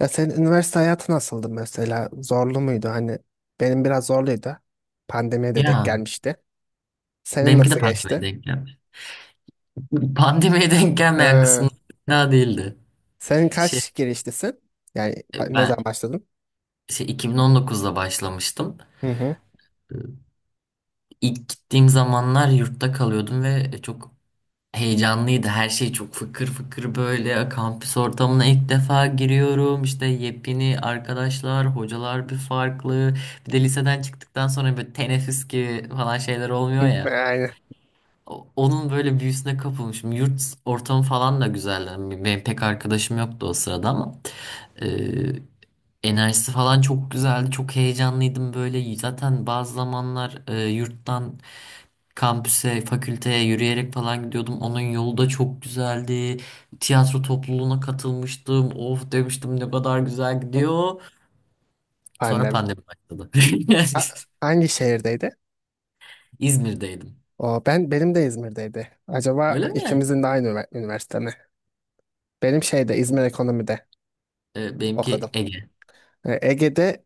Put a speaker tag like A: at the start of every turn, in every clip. A: Ya senin üniversite hayatı nasıldı mesela? Zorlu muydu? Hani benim biraz zorluydu. Pandemiye de denk
B: Ya
A: gelmişti. Senin
B: benimki de
A: nasıl
B: pandemiye
A: geçti?
B: denk gelmiş. Pandemiye denk gelmeyen kısmı
A: Ha,
B: daha değildi.
A: senin
B: Şey
A: kaç girişlisin? Yani ne zaman
B: ben
A: başladın?
B: şey 2019'da başlamıştım.
A: Hı hı.
B: İlk gittiğim zamanlar yurtta kalıyordum ve çok heyecanlıydı. Her şey çok fıkır fıkır böyle. Kampüs ortamına ilk defa giriyorum. İşte yepyeni arkadaşlar, hocalar bir farklı. Bir de liseden çıktıktan sonra böyle teneffüs gibi falan şeyler olmuyor
A: Hı.
B: ya.
A: Yani
B: Onun böyle büyüsüne kapılmışım. Yurt ortamı falan da güzeldi. Yani benim pek arkadaşım yoktu o sırada ama e, enerjisi falan çok güzeldi. Çok heyecanlıydım böyle. Zaten bazı zamanlar yurttan kampüse, fakülteye yürüyerek falan gidiyordum. Onun yolu da çok güzeldi. Tiyatro topluluğuna katılmıştım. Of demiştim, ne kadar güzel
A: hı,
B: gidiyor. Sonra
A: pandemi.
B: pandemi başladı.
A: Ha- hangi şehirdeydi?
B: İzmir'deydim.
A: O ben benim de İzmir'deydi. Acaba
B: Öyle mi?
A: ikimizin de aynı üniversite mi? Benim şeyde İzmir Ekonomi'de okudum.
B: Benimki Ege.
A: E, Ege'de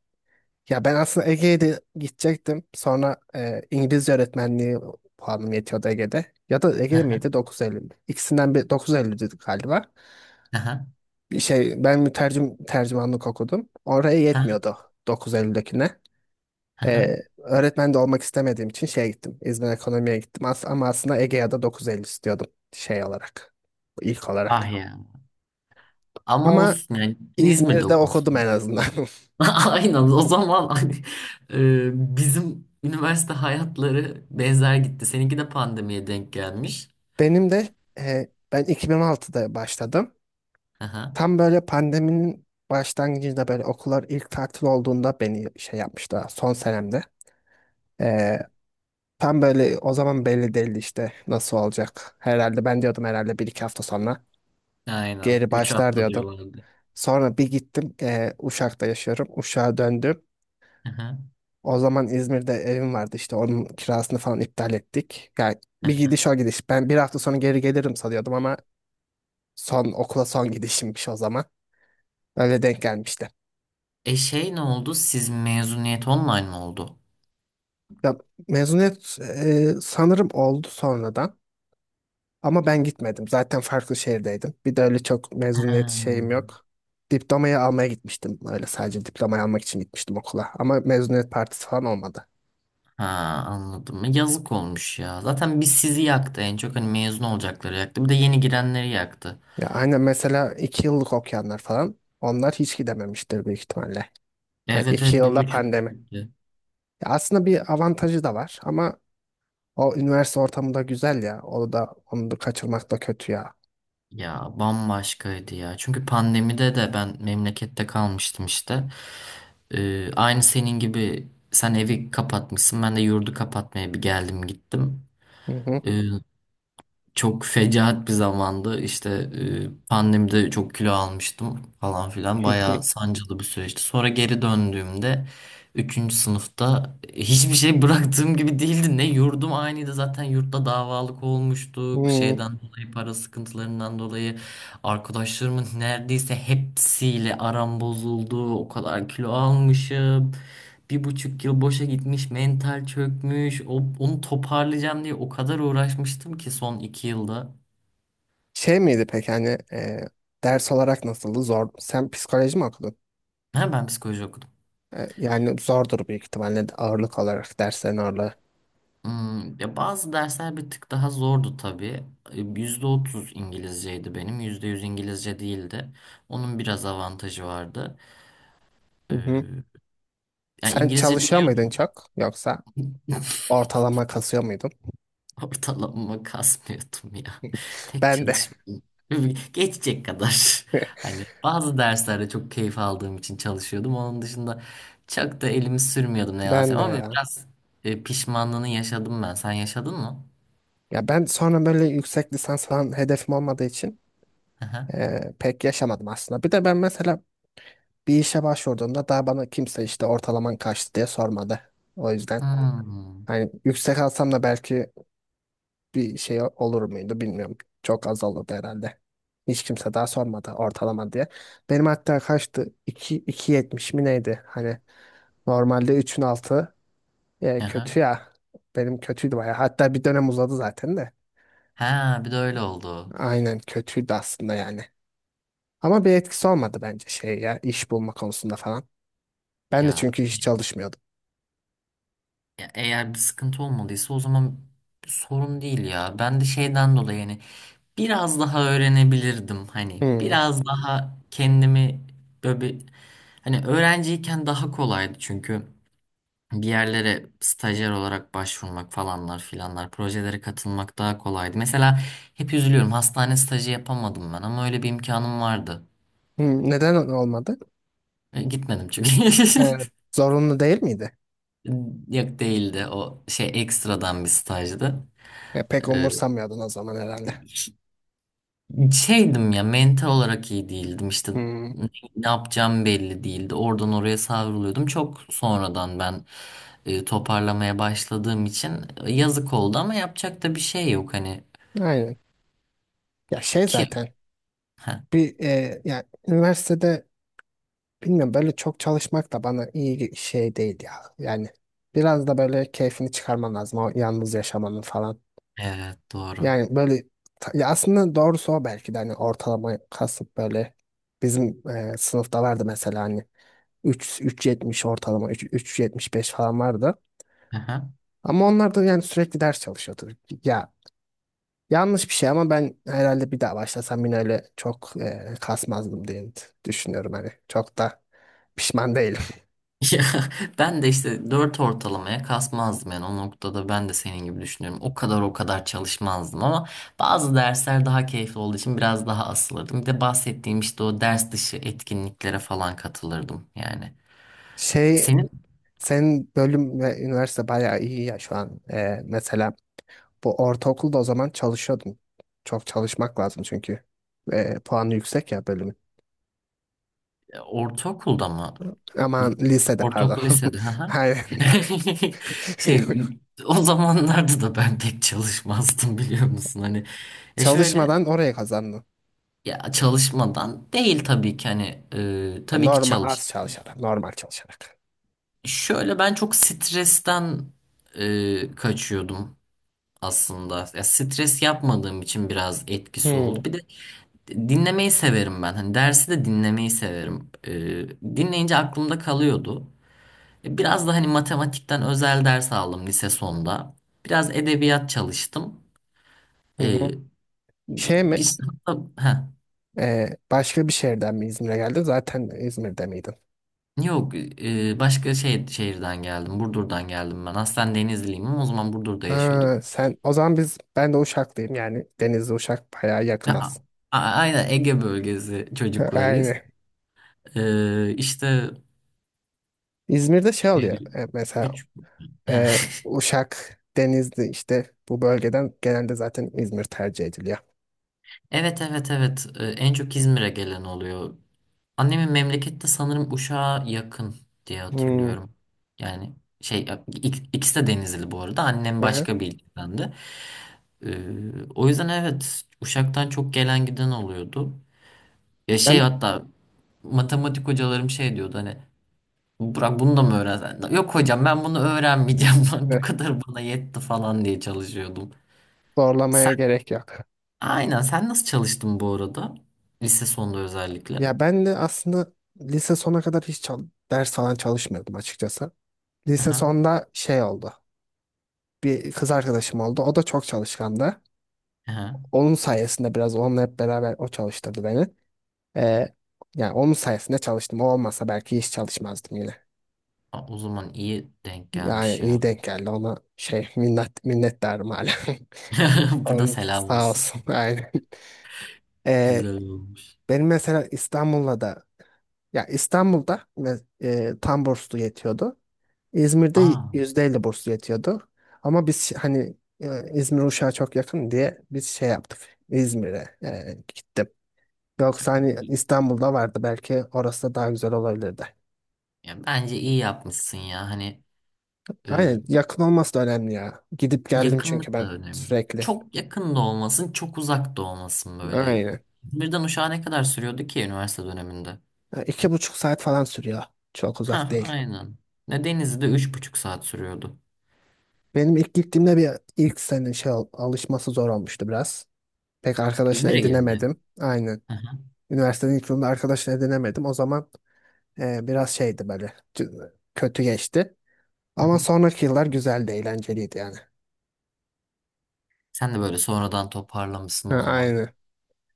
A: Ya ben aslında Ege'ye de gidecektim. Sonra İngilizce öğretmenliği puanım yetiyordu Ege'de. Ya da
B: Hı
A: Ege'de
B: hı,
A: miydi? 9.50 mi? İkisinden bir 9.50 dedik galiba.
B: hı.
A: Bir şey ben mütercim tercümanlık okudum. Oraya yetmiyordu 9.50'dekine. Öğretmen de olmak istemediğim için şeye gittim. İzmir Ekonomi'ye gittim. Ama aslında Ege'ye de 9.50 istiyordum şey olarak. İlk
B: Ah
A: olarak.
B: ya. Ama
A: Ama
B: olsun yani. Yani İzmir'de
A: İzmir'de okudum
B: okumuşsun.
A: en azından.
B: Aynen, o zaman hani, bizim üniversite hayatları benzer gitti. Seninki de pandemiye denk gelmiş.
A: Benim de ben 2006'da başladım.
B: Aha,
A: Tam böyle pandeminin başlangıcında böyle okullar ilk tatil olduğunda beni şey yapmıştı son senemde. Ee, Tam böyle o zaman belli değildi işte nasıl olacak. Herhalde ben diyordum herhalde bir iki hafta sonra
B: aynen.
A: geri
B: Üç
A: başlar
B: hafta
A: diyordum.
B: diyorlardı.
A: Sonra bir gittim Uşak'ta yaşıyorum. Uşak'a döndüm.
B: Aha.
A: O zaman İzmir'de evim vardı, işte onun kirasını falan iptal ettik. Yani bir gidiş o gidiş. Ben bir hafta sonra geri gelirim sanıyordum ama son okula son gidişimmiş o zaman. Öyle denk gelmişti.
B: E ne oldu? Siz mezuniyet online mi oldu?
A: Ya, mezuniyet sanırım oldu sonradan ama ben gitmedim. Zaten farklı şehirdeydim. Bir de öyle çok
B: Ha,
A: mezuniyet şeyim yok. Diplomayı almaya gitmiştim. Öyle sadece diplomayı almak için gitmiştim okula. Ama mezuniyet partisi falan olmadı.
B: ha, anladım. Yazık olmuş ya. Zaten biz, sizi yaktı en çok. Hani mezun olacakları yaktı. Bir de yeni girenleri yaktı.
A: Ya aynen, mesela 2 yıllık okuyanlar falan, onlar hiç gidememiştir büyük ihtimalle. Ha,
B: Evet
A: iki
B: evet, bir
A: yılda
B: buçuk.
A: pandemi. Ya aslında bir avantajı da var ama o üniversite ortamı da güzel ya. Onu da onu da kaçırmak da kötü ya.
B: Ya bambaşkaydı ya. Çünkü pandemide de ben memlekette kalmıştım işte. Aynı senin gibi, sen evi kapatmışsın. Ben de yurdu kapatmaya bir geldim gittim,
A: Hı hı.
B: çok fecaat bir zamandı. İşte pandemide çok kilo almıştım falan filan. Bayağı sancılı bir süreçti. Sonra geri döndüğümde üçüncü sınıfta hiçbir şey bıraktığım gibi değildi. Ne yurdum aynıydı. Zaten yurtta davalık olmuştuk.
A: Hmm.
B: Şeyden dolayı, para sıkıntılarından dolayı arkadaşlarımın neredeyse hepsiyle aram bozuldu. O kadar kilo almışım, bir buçuk yıl boşa gitmiş, mental çökmüş. Onu toparlayacağım diye o kadar uğraşmıştım ki son iki yılda.
A: Şey miydi peki hani ders olarak nasıldı? Zor. Sen psikoloji mi okudun?
B: Ha, ben psikoloji okudum.
A: Yani zordur büyük ihtimalle de, ağırlık olarak derslerin ağırlığı.
B: Hmm, ya bazı dersler bir tık daha zordu tabii. Yüzde otuz İngilizceydi benim. Yüzde yüz İngilizce değildi. Onun biraz avantajı vardı.
A: Hı hı.
B: Ee, Yani
A: Sen
B: İngilizce
A: çalışıyor muydun
B: biliyordum.
A: çok, yoksa ortalama kasıyor muydun?
B: Ortalamama kasmıyordum ya. Pek
A: Ben de.
B: çalışmıyordum. Geçecek kadar. Hani bazı derslerde çok keyif aldığım için çalışıyordum. Onun dışında çok da elimi sürmüyordum, ne yalan
A: Ben de
B: söyleyeyim. Ama
A: ya.
B: biraz pişmanlığını yaşadım ben. Sen yaşadın mı?
A: Ya ben sonra böyle yüksek lisans falan hedefim olmadığı için
B: Aha.
A: pek yaşamadım aslında. Bir de ben mesela bir işe başvurduğumda daha bana kimse işte ortalaman kaçtı diye sormadı. O yüzden
B: Hmm.
A: hani yüksek alsam da belki bir şey olur muydu bilmiyorum. Çok az olurdu herhalde. Hiç kimse daha sormadı ortalama diye. Benim hatta kaçtı? İki iki 2.70 mi neydi? Hani normalde üçün altı
B: Aha.
A: kötü ya. Benim kötüydü bayağı. Hatta bir dönem uzadı zaten de.
B: Ha, bir de öyle oldu.
A: Aynen kötüydü aslında yani. Ama bir etkisi olmadı bence şey ya, iş bulma konusunda falan. Ben de
B: Ya,
A: çünkü hiç çalışmıyordum.
B: ya eğer bir sıkıntı olmadıysa o zaman bir sorun değil ya. Ben de şeyden dolayı yani biraz daha öğrenebilirdim, hani
A: Hmm.
B: biraz daha kendimi böyle bir, hani öğrenciyken daha kolaydı çünkü bir yerlere stajyer olarak başvurmak falanlar filanlar, projelere katılmak daha kolaydı. Mesela hep üzülüyorum, hastane stajı yapamadım ben ama öyle bir imkanım vardı.
A: Hmm, neden olmadı?
B: Gitmedim çünkü.
A: Evet. Zorunlu değil miydi?
B: Yok değildi, o şey ekstradan bir stajdı.
A: Ya, pek umursamıyordun o zaman herhalde.
B: Ee, Şeydim ya, mental olarak iyi değildim işte,
A: Hmm,
B: ne ne yapacağım belli değildi, oradan oraya savruluyordum, çok sonradan ben toparlamaya başladığım için yazık oldu ama yapacak da bir şey yok hani
A: aynen. Ya şey
B: ki
A: zaten
B: Heh,
A: bir ya üniversitede bilmiyorum, böyle çok çalışmak da bana iyi bir şey değil ya. Yani biraz da böyle keyfini çıkarman lazım o yalnız yaşamanın falan.
B: evet, doğru.
A: Yani böyle ya aslında doğrusu o, belki de hani ortalama kasıp böyle, bizim sınıfta vardı mesela hani 3 3.70 ortalama, 3 3.75 falan vardı.
B: Aha.
A: Ama onlar da yani sürekli ders çalışıyordu. Ya, yanlış bir şey ama ben herhalde bir daha başlasam yine öyle çok kasmazdım diye düşünüyorum hani. Çok da pişman değilim.
B: Ya, ben de işte dört ortalamaya kasmazdım yani, o noktada ben de senin gibi düşünüyorum, o kadar o kadar çalışmazdım ama bazı dersler daha keyifli olduğu için biraz daha asılırdım. Bir de bahsettiğim işte o ders dışı etkinliklere falan katılırdım yani.
A: Şey
B: Senin
A: Senin bölüm ve üniversite bayağı iyi ya şu an. Mesela bu ortaokulda o zaman çalışıyordum. Çok çalışmak lazım çünkü. Puanı yüksek ya bölümün.
B: Ortaokulda mı?
A: Aman, lisede pardon.
B: Ortaokul lisede. Hı hı.
A: Hayır.
B: Şey, o zamanlarda da ben pek çalışmazdım biliyor musun? Hani şöyle
A: Çalışmadan oraya kazandım.
B: ya, çalışmadan değil tabii ki, hani
A: Yani
B: tabii ki
A: normal
B: çalış.
A: az çalışarak, normal çalışarak.
B: Şöyle, ben çok stresten kaçıyordum aslında. Ya, stres yapmadığım için biraz etkisi
A: Hmm,
B: oldu. Bir de dinlemeyi severim ben. Hani dersi de dinlemeyi severim. Dinleyince aklımda kalıyordu. Biraz da hani matematikten özel ders aldım lise sonunda. Biraz edebiyat çalıştım.
A: hı hı.
B: Ee,
A: Şey mi?
B: biz ha
A: Başka bir şehirden mi İzmir'e geldin? Zaten İzmir'de miydin?
B: yok, başka şehirden geldim. Burdur''dan geldim ben. Aslen Denizliyim ama o zaman Burdur'da yaşıyorduk.
A: Ha, sen o zaman, ben de Uşaklıyım yani, Denizli Uşak bayağı yakın
B: Ve a-
A: aslında.
B: aynen, Ege bölgesi çocuklarıyız.
A: Aynen.
B: Ee, işte
A: İzmir'de şey
B: e,
A: oluyor. Mesela
B: Küçük.
A: Ee, Uşak, Denizli, işte bu bölgeden genelde zaten İzmir tercih ediliyor.
B: Evet evet evet. En çok İzmir'e gelen oluyor. Annemin memlekette sanırım Uşak'a yakın diye
A: Hmm.
B: hatırlıyorum. Yani ikisi de Denizli, bu arada. Annem
A: Aha.
B: başka bir ildendi. O yüzden evet, Uşak'tan çok gelen giden oluyordu. Ya şey,
A: Ben
B: hatta matematik hocalarım şey diyordu, hani, Burak bunu da mı öğrensen? Yok hocam, ben bunu öğrenmeyeceğim. Bu
A: evet,
B: kadar bana yetti falan diye çalışıyordum. Sen
A: zorlamaya gerek yok.
B: aynen sen nasıl çalıştın bu arada? Lise sonunda özellikle.
A: Ya ben de aslında lise sona kadar hiç ders falan çalışmıyordum açıkçası. Lise
B: Aha,
A: sonda şey oldu. Bir kız arkadaşım oldu. O da çok çalışkandı.
B: aha.
A: Onun sayesinde biraz, onunla hep beraber o çalıştırdı beni. Ee, Yani onun sayesinde çalıştım. O olmasa belki hiç çalışmazdım yine.
B: Aa, o zaman iyi denk
A: Yani
B: gelmiş
A: iyi
B: ya.
A: denk geldi, ona minnettarım hala.
B: Burada
A: Onu
B: selam
A: sağ
B: olsun.
A: olsun, aynen. Ee,
B: Güzel olmuş.
A: Benim mesela İstanbul'la da, ya İstanbul'da tam burslu yetiyordu. İzmir'de
B: Aa,
A: %50 burslu yetiyordu. Ama biz hani İzmir Uşak'a çok yakın diye biz şey yaptık. İzmir'e gittim.
B: ya,
A: Yoksa hani İstanbul'da vardı, belki orası da daha güzel olabilirdi.
B: ya bence iyi yapmışsın ya. Hani e,
A: Aynen, yakın olması da önemli ya. Gidip geldim çünkü
B: yakınlık
A: ben
B: da önemli.
A: sürekli.
B: Çok yakın da olmasın, çok uzak da olmasın böyle.
A: Aynen.
B: İzmir'den Uşak'a ne kadar sürüyordu ki üniversite döneminde?
A: Ya, 2,5 saat falan sürüyor. Çok uzak
B: Ha,
A: değil.
B: aynen. Ne, Denizli'de üç buçuk saat sürüyordu.
A: Benim ilk gittiğimde bir, ilk sene alışması zor olmuştu biraz. Pek arkadaşını
B: İzmir'e gelince.
A: edinemedim. Aynen.
B: Hı hı,
A: Üniversitenin ilk yılında arkadaşını edinemedim. O zaman biraz şeydi böyle, kötü geçti.
B: hı
A: Ama
B: hı.
A: sonraki yıllar güzeldi, eğlenceliydi yani.
B: Sen de böyle sonradan toparlamışsın
A: Ha,
B: o zaman.
A: aynen.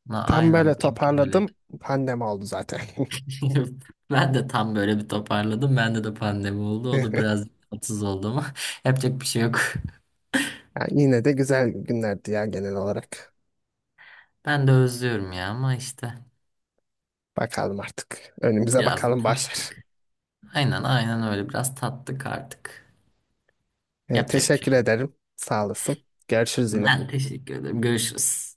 B: Na,
A: Tam böyle
B: aynen benimki de öyleydi.
A: toparladım. Pandemi oldu zaten.
B: Ben de tam böyle bir toparladım. Bende de pandemi oldu. O da biraz tatsız oldu ama yapacak bir şey yok.
A: Yani yine de güzel günlerdi ya genel olarak.
B: Ben de özlüyorum ya ama işte
A: Bakalım artık. Önümüze
B: biraz da
A: bakalım, başlar.
B: tattık. Aynen aynen, öyle, biraz tattık artık. Yapacak bir şey
A: Teşekkür
B: yok.
A: ederim. Sağ olasın. Görüşürüz yine.
B: Ben teşekkür ederim. Görüşürüz.